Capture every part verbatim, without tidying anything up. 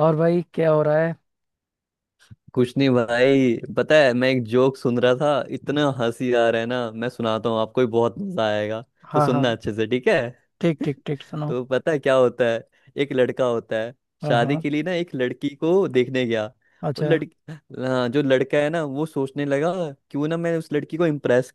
और भाई, क्या हो रहा है? कुछ नहीं भाई, पता है मैं एक जोक सुन रहा था, इतना हंसी आ रहा है ना, मैं सुनाता हूँ, आपको भी बहुत मजा आएगा। तो हाँ, सुनना हाँ। अच्छे से ठीक है। ठीक, ठीक, ठीक, सुनो। तो पता है क्या होता है। एक लड़का होता है, हाँ, शादी हाँ। के लिए ना एक लड़की को देखने गया। वो अच्छा। लड़की, हाँ, जो लड़का है ना वो सोचने लगा क्यों ना मैं उस लड़की को इम्प्रेस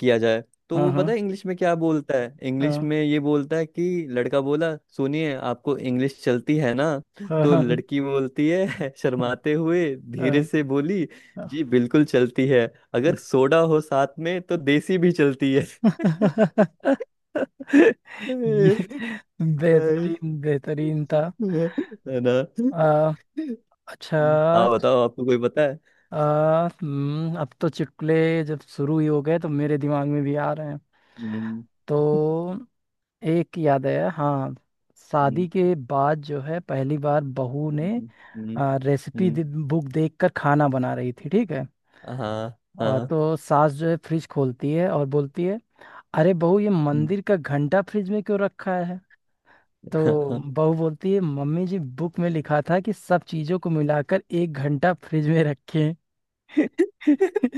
किया जाए। तो हाँ, वो पता हाँ, है इंग्लिश में क्या बोलता है, इंग्लिश हाँ, में ये बोलता है कि लड़का बोला, सुनिए आपको इंग्लिश चलती है ना। हाँ, तो हाँ, हाँ, लड़की बोलती है हाँ, शर्माते हुए धीरे हाँ। से बोली, जी बिल्कुल चलती है, अगर सोडा हो साथ में तो देसी भी चलती है। ये बेहतरीन बेहतरीन था। है ना। आ, अच्छा। आप बताओ आपको कोई पता है। आ, हम्म, अब तो चुटकुले जब शुरू ही हो गए तो मेरे दिमाग में भी आ रहे हैं। हम्म। तो एक याद है, हाँ। शादी हम्म। के बाद जो है, पहली बार बहू ने हम्म। हम्म। रेसिपी हम्म। बुक देखकर खाना बना रही थी, ठीक है। हाँ और हाँ, हाँ। तो सास जो है, फ्रिज खोलती है और बोलती है, अरे बहू, ये मंदिर का घंटा फ्रिज में क्यों रखा है? तो हम्म। बहू बोलती है, मम्मी जी, बुक में लिखा था कि सब चीजों को मिलाकर एक घंटा फ्रिज में रखें।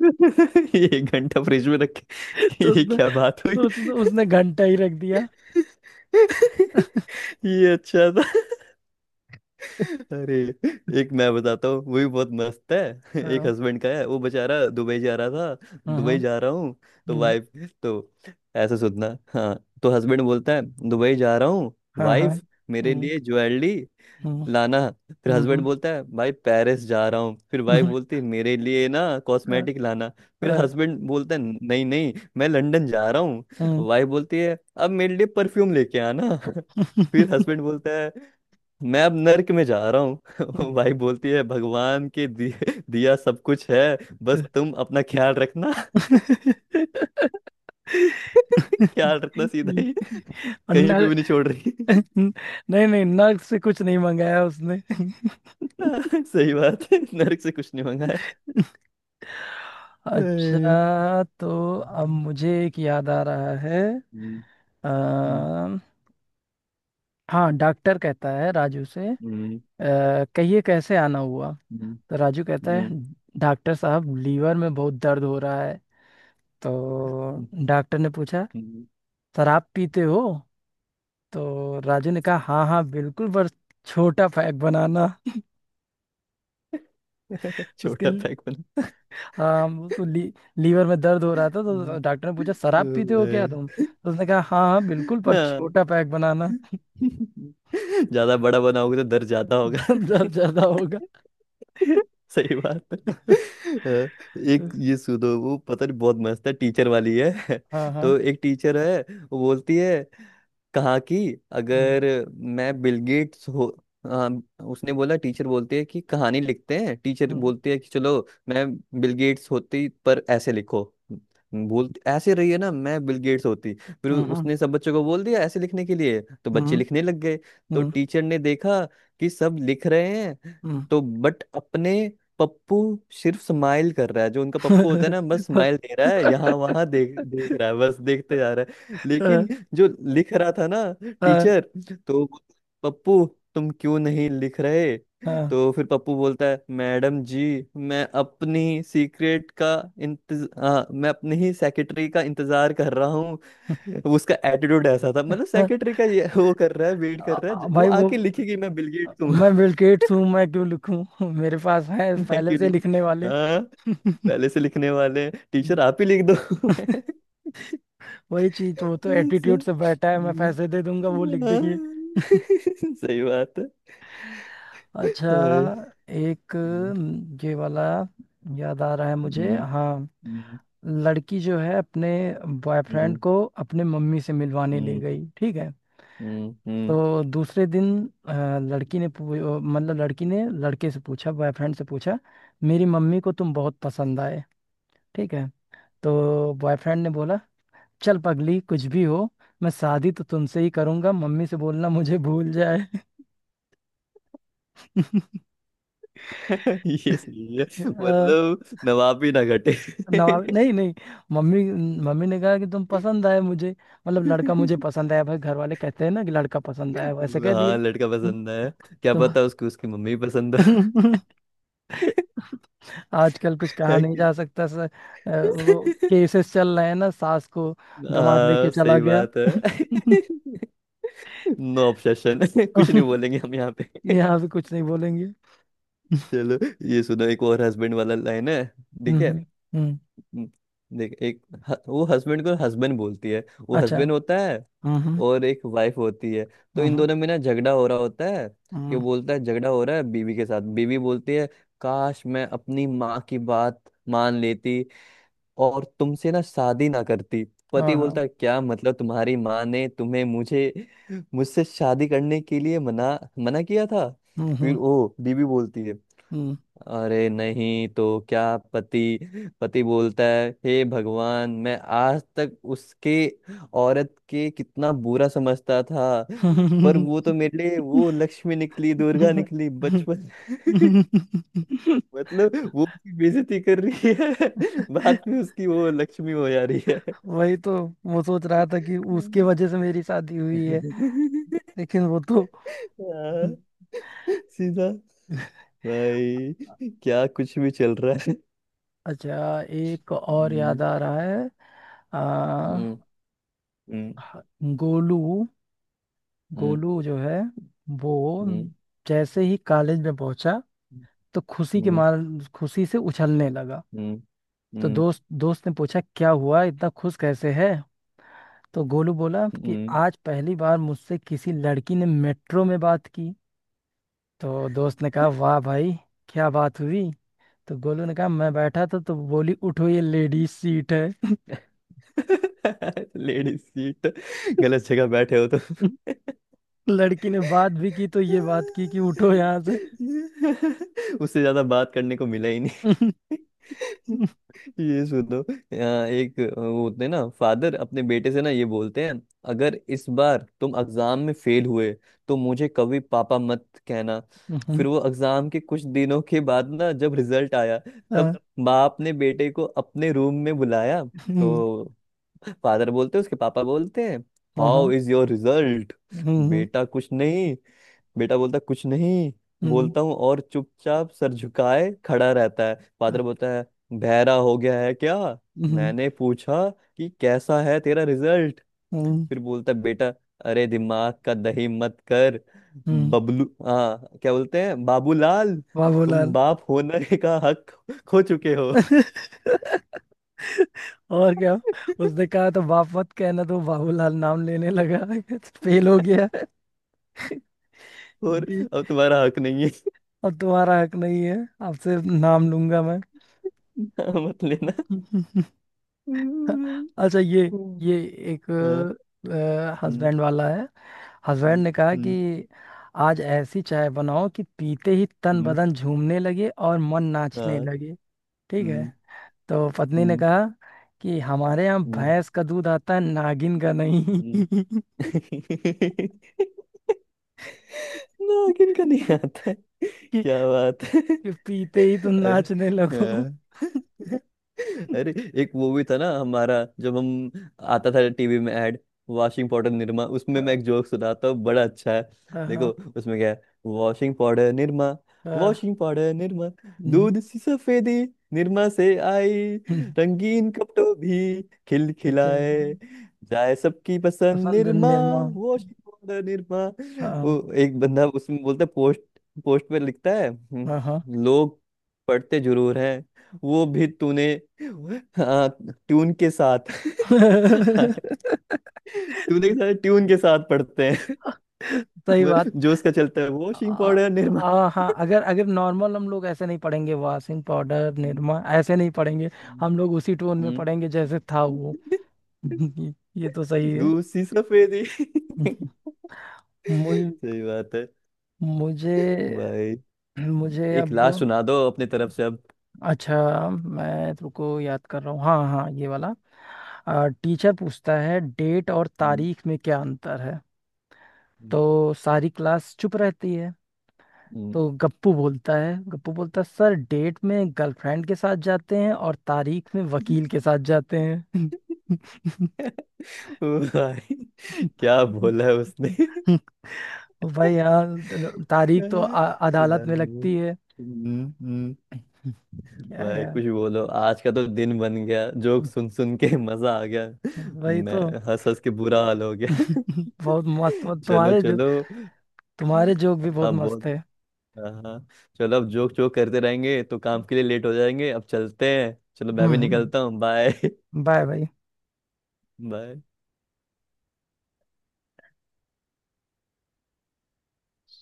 ये एक घंटा फ्रिज में रख के तो ये उसने क्या बात हुई। उसने उसने घंटा ही रख दिया। ये अच्छा था। अरे एक मैं बताता हूँ, वो भी बहुत मस्त है। एक हाँ, हस्बैंड का है, वो बेचारा दुबई जा रहा था। हाँ, दुबई जा रहा हूँ तो हम्म, वाइफ, तो ऐसा सुनना, हाँ। तो हस्बैंड बोलता है दुबई जा रहा हूँ, हाँ, हाँ, वाइफ मेरे हम्म, लिए ज्वेलरी हम्म, लाना। फिर हम्म, हस्बैंड हम्म, बोलता है भाई पेरिस जा रहा हूँ, फिर वाइफ बोलती है मेरे लिए ना हाँ, कॉस्मेटिक लाना। फिर हाँ, हस्बैंड बोलता है नहीं नहीं मैं लंदन जा रहा हूँ। हम्म। वाइफ बोलती है अब मेरे लिए परफ्यूम लेके आना। फिर हस्बैंड बोलता है मैं अब नर्क में जा रहा हूँ। वाइफ बोलती है भगवान के दिए- दिया सब कुछ है, बस तुम अपना ख्याल रखना। और ख्याल रखना सीधा ही, कहीं पे नर भी नहीं छोड़ रही। नहीं, नहीं, नर्क से कुछ नहीं मंगाया उसने। सही बात है, नर्क से कुछ नहीं मंगा है। हम्म। अच्छा, तो अब मुझे एक याद आ रहा है। हम्म। अ, हाँ, डॉक्टर कहता है राजू से, अ, हम्म। कहिए, कैसे आना हुआ? हम्म। तो राजू कहता है, हम्म। डॉक्टर साहब, लीवर में बहुत दर्द हो रहा है। तो हम्म। डॉक्टर ने पूछा, हम्म। शराब पीते हो? तो राजू ने कहा, हाँ, हाँ, बिल्कुल, पर छोटा पैक बनाना उसके छोटा लिए। पैक बना। हाँ, उसको ली, लीवर में दर्द हो रहा था, तो हम्म। डॉक्टर ने पूछा, शराब पीते हो क्या ओए। तुम? तो उसने कहा, हाँ, हाँ, बिल्कुल, पर हाँ। छोटा पैक बनाना। ज्यादा बड़ा बनाओगे तो दर्द ज्यादा होगा। जब ज्यादा होगा। सही बात है। हाँ, एक ये सुनो, वो पता नहीं बहुत मस्त है, टीचर वाली है। हाँ, हाँ, तो एक टीचर है, वो बोलती है, कहा कि हम्म, अगर मैं बिल गेट्स हो, हाँ उसने बोला, टीचर बोलती है कि कहानी लिखते हैं, टीचर हम्म, बोलती है कि चलो मैं बिल गेट्स होती पर ऐसे लिखो, बोल ऐसे रही है ना, मैं बिल गेट्स होती, फिर हम्म, उसने सब बच्चों को बोल दिया ऐसे लिखने के लिए तो हम्म, बच्चे लिखने लग गए। तो हम्म, टीचर ने देखा कि सब लिख रहे हैं। हम्म। तो बट अपने पप्पू सिर्फ स्माइल कर रहा है, जो उनका पप्पू होता है ना, बस स्माइल दे रहा है, यहाँ वहां देख देख रहा है, बस देखते जा रहा है, हाँ, लेकिन जो लिख रहा था ना हाँ, टीचर, तो वो, पप्पू तुम क्यों नहीं लिख रहे। हाँ, तो फिर पप्पू बोलता है मैडम जी, मैं अपनी सीक्रेट का इंतज हाँ, मैं अपनी ही सेक्रेटरी का इंतजार कर रहा हूँ। उसका एटीट्यूड ऐसा था, मतलब हाँ। सेक्रेटरी का ये वो कर रहा है, वेट कर आ- रहा आ- है, वो भाई, वो, आके लिखेगी मैं बिल गेट्स हूँ। मैं बिल गेट्स हूँ, मैं क्यों लिखूं? मेरे पास है मैं पहले क्यों से लिखी। लिखने वाले। हाँ। पहले से लिखने वाले, टीचर आप ही लिख दो। वही चीज, वो तो ऐसा। एटीट्यूड से बैठा है, मैं पैसे दे दूंगा, वो लिख हम्म, देंगे। हाँ। सही बात है। अच्छा, हाय। एक हम्म। न, ये वाला याद आ रहा है मुझे, हम्म। हाँ। हम्म। लड़की जो है, अपने बॉयफ्रेंड हम्म। को अपने मम्मी से मिलवाने ले हम्म। गई, ठीक है। हम्म। हम्म। तो दूसरे दिन अ, लड़की ने पू- अ, मतलब, लड़की ने लड़के से पूछा, बॉयफ्रेंड से पूछा, मेरी मम्मी को तुम बहुत पसंद आए, ठीक है। तो बॉयफ्रेंड ने बोला, चल पगली, कुछ भी हो, मैं शादी तो तुमसे ही करूंगा, मम्मी से बोलना मुझे भूल जाए। अ, ये सही है, मतलब नवाब भी ना घटे। नवाब नहीं, नहीं, मम्मी मम्मी ने कहा कि तुम पसंद आए मुझे। मतलब, लड़का मुझे पसंद आया, भाई घर वाले कहते हैं ना कि लड़का पसंद आया, वैसे कह हाँ दिया। लड़का हम्म। पसंद है। क्या तो पता उसको उसकी मम्मी पसंद हो। आजकल कुछ कहा है नहीं कि नहीं? जा सकता, सर। अ, वो केसेस चल रहे हैं ना, सास को दामाद हाँ लेके चला सही गया। बात है। No objection. कुछ नहीं बोलेंगे हम यहाँ पे। यहाँ भी कुछ नहीं बोलेंगे। चलो, ये सुनो, एक और हस्बैंड वाला लाइन है, ठीक हम्म, है। हम्म। हम्म। देख, एक ह- वो हस्बैंड को, हस्बैंड बोलती है, वो अच्छा, हस्बैंड होता है हम्म, हम्म, और एक वाइफ होती है। तो इन हम्म, दोनों में ना झगड़ा हो रहा होता है कि, वो हम्म, बोलता है झगड़ा हो रहा है बीवी के साथ, बीवी बोलती है काश मैं अपनी माँ की बात मान लेती और तुमसे ना शादी ना करती। हाँ, पति बोलता हाँ, है क्या मतलब, तुम्हारी माँ ने तुम्हें मुझे मुझसे शादी करने के लिए मना मना किया था। हम्म, फिर हम्म, वो बीवी बोलती है अरे नहीं तो, क्या। पति पति बोलता है हे भगवान, मैं आज तक उसके, औरत के कितना बुरा समझता था, पर हम्म। वो तो मेरे लिए वो लक्ष्मी निकली, दुर्गा निकली, हम्म। बचपन। मतलब वो उसकी बेइज्जती कर रही है। बाद में उसकी वो लक्ष्मी हो जा रही है। वही तो, वो सोच रहा था कि उसके वजह से मेरी शादी हम्म। हुई है, लेकिन वो तो। हाँ, सीधा भाई क्या कुछ भी चल रहा है। अच्छा, एक और हम्म। याद आ रहा है। आ, हम्म। हम्म। गोलू हम्म, गोलू जो है, वो हम्म। जैसे ही कॉलेज में पहुंचा, हम्म। तो खुशी के मार खुशी से उछलने लगा। हम्म। तो हम्म। दोस्त दोस्त ने पूछा, क्या हुआ, इतना खुश कैसे है? तो गोलू बोला कि हम्म। आज पहली बार मुझसे किसी लड़की ने मेट्रो में बात की। तो दोस्त ने कहा, वाह भाई, क्या बात हुई? तो गोलू ने कहा, मैं बैठा था तो बोली, उठो, ये लेडीज सीट है। लेडीज सीट, गलत जगह बैठे हो तो। लड़की ने बात भी की तो ये बात की कि उठो यहाँ से। उससे ज्यादा बात करने को मिला ही नहीं। ये सुनो, यहाँ एक वो होते हैं ना, फादर अपने बेटे से ना ये बोलते हैं, अगर इस बार तुम एग्जाम में फेल हुए तो मुझे कभी पापा मत कहना। हम्म, फिर वो एग्जाम के कुछ दिनों के बाद ना, जब रिजल्ट आया तब हाँ, बाप ने बेटे को अपने रूम में बुलाया। हम्म, तो फादर बोलते हैं, उसके पापा बोलते हैं, हाँ, हाउ हाँ, इज योर रिजल्ट। हम्म, बेटा कुछ नहीं, बेटा बोलता कुछ नहीं हम्म, बोलता हूँ और चुपचाप सर झुकाए खड़ा रहता है। फादर बोलता है, बहरा हो गया है क्या, हम्म, मैंने पूछा कि कैसा है तेरा रिजल्ट। हम्म, फिर बोलता है, बेटा अरे दिमाग का दही मत कर, हम्म। बबलू, हाँ क्या बोलते हैं, बाबूलाल, तुम बाबूलाल। बाप होने का हक खो चुके हो। और क्या, उसने कहा तो बाप मत कहना, तो बाबूलाल नाम लेने लगा। फेल हो गया। और जी, अब तुम्हारा हक नहीं है। अब तुम्हारा हक नहीं है, आपसे नाम लूंगा मैं? हाँ, मत लेना। हम्म, अच्छा, ये हम्म, ये एक हाँ, हम्म, हस्बैंड वाला है। हस्बैंड हम्म, ने कहा हम्म, कि आज ऐसी चाय बनाओ कि पीते ही तन हम्म, बदन झूमने लगे और मन नाचने हाँ, लगे, ठीक है। हम्म, तो पत्नी ने हम्म, कहा कि हमारे यहाँ हम्म, भैंस का दूध आता है, नागिन का नहीं। हम्म। ना किन का नहीं आता। कि, क्या बात है। कि पीते ही तुम अरे। नाचने लगो। हाँ। अरे एक वो भी था ना हमारा, जब हम, आता था टीवी में ऐड, वॉशिंग पाउडर निरमा, उसमें मैं हाँ, एक जोक सुनाता हूँ, बड़ा अच्छा है। देखो हाँ, उसमें क्या है, वॉशिंग पाउडर निरमा, हाँ, वॉशिंग पाउडर निरमा, हम्म, दूध सी सफेदी निरमा से आई, हम्म, रंगीन कपटो भी खिल तो क्या- खिलाए जाए, सबकी पसंद पसंद निरमा, निर्माण, वॉशिंग पाउडर निरमा। हाँ, वो एक बंदा उसमें बोलता है, पोस्ट पोस्ट पे लिखता है, हम्म, हाँ, हाँ। लोग पढ़ते जरूर है, वो भी तूने, हाँ ट्यून के साथ। तूने के साथ, ट्यून के साथ पढ़ते हैं। सही वो बात। जो उसका चलता है आ, वॉशिंग पाउडर निरमा। आ, हाँ, अगर अगर नॉर्मल हम लोग ऐसे नहीं पढ़ेंगे, वासिम पाउडर हम्म, निरमा ऐसे नहीं पढ़ेंगे। हम्म, हम लोग उसी टोन में हम्म। पढ़ेंगे जैसे था वो। ये ये तो सही है। दूसरी सफेदी। सही मुझे बात है। मुझे भाई मुझे एक अब। लास्ट सुना दो अपने तरफ से अब। अच्छा, मैं तुमको याद कर रहा हूँ, हाँ, हाँ, ये वाला। टीचर पूछता है, डेट और हम्म, तारीख में क्या अंतर है? हम्म, तो सारी क्लास चुप रहती है। हम्म। तो गप्पू बोलता है गप्पू बोलता है, सर, डेट में गर्लफ्रेंड के साथ जाते हैं और तारीख में वकील के साथ जाते हैं। भाई क्या बोला है उसने। भाई, यहाँ तारीख तो आ, यार, अदालत में लगती है। हम्म, हम्म। क्या भाई यार। कुछ बोलो, आज का तो दिन बन गया, जोक सुन सुन के। मजा आ गया, वही मैं तो। हंस हंस के बुरा हाल हो गया। बहुत मस्त, चलो तुम्हारे जो चलो। तुम्हारे जोक भी बहुत हाँ मस्त बहुत। है। हाँ हाँ। चलो, अब जोक जोक करते रहेंगे तो काम के लिए लेट हो जाएंगे, अब चलते हैं, चलो मैं भी हम्म। निकलता हूँ, बाय। बाय, भाई। बाय।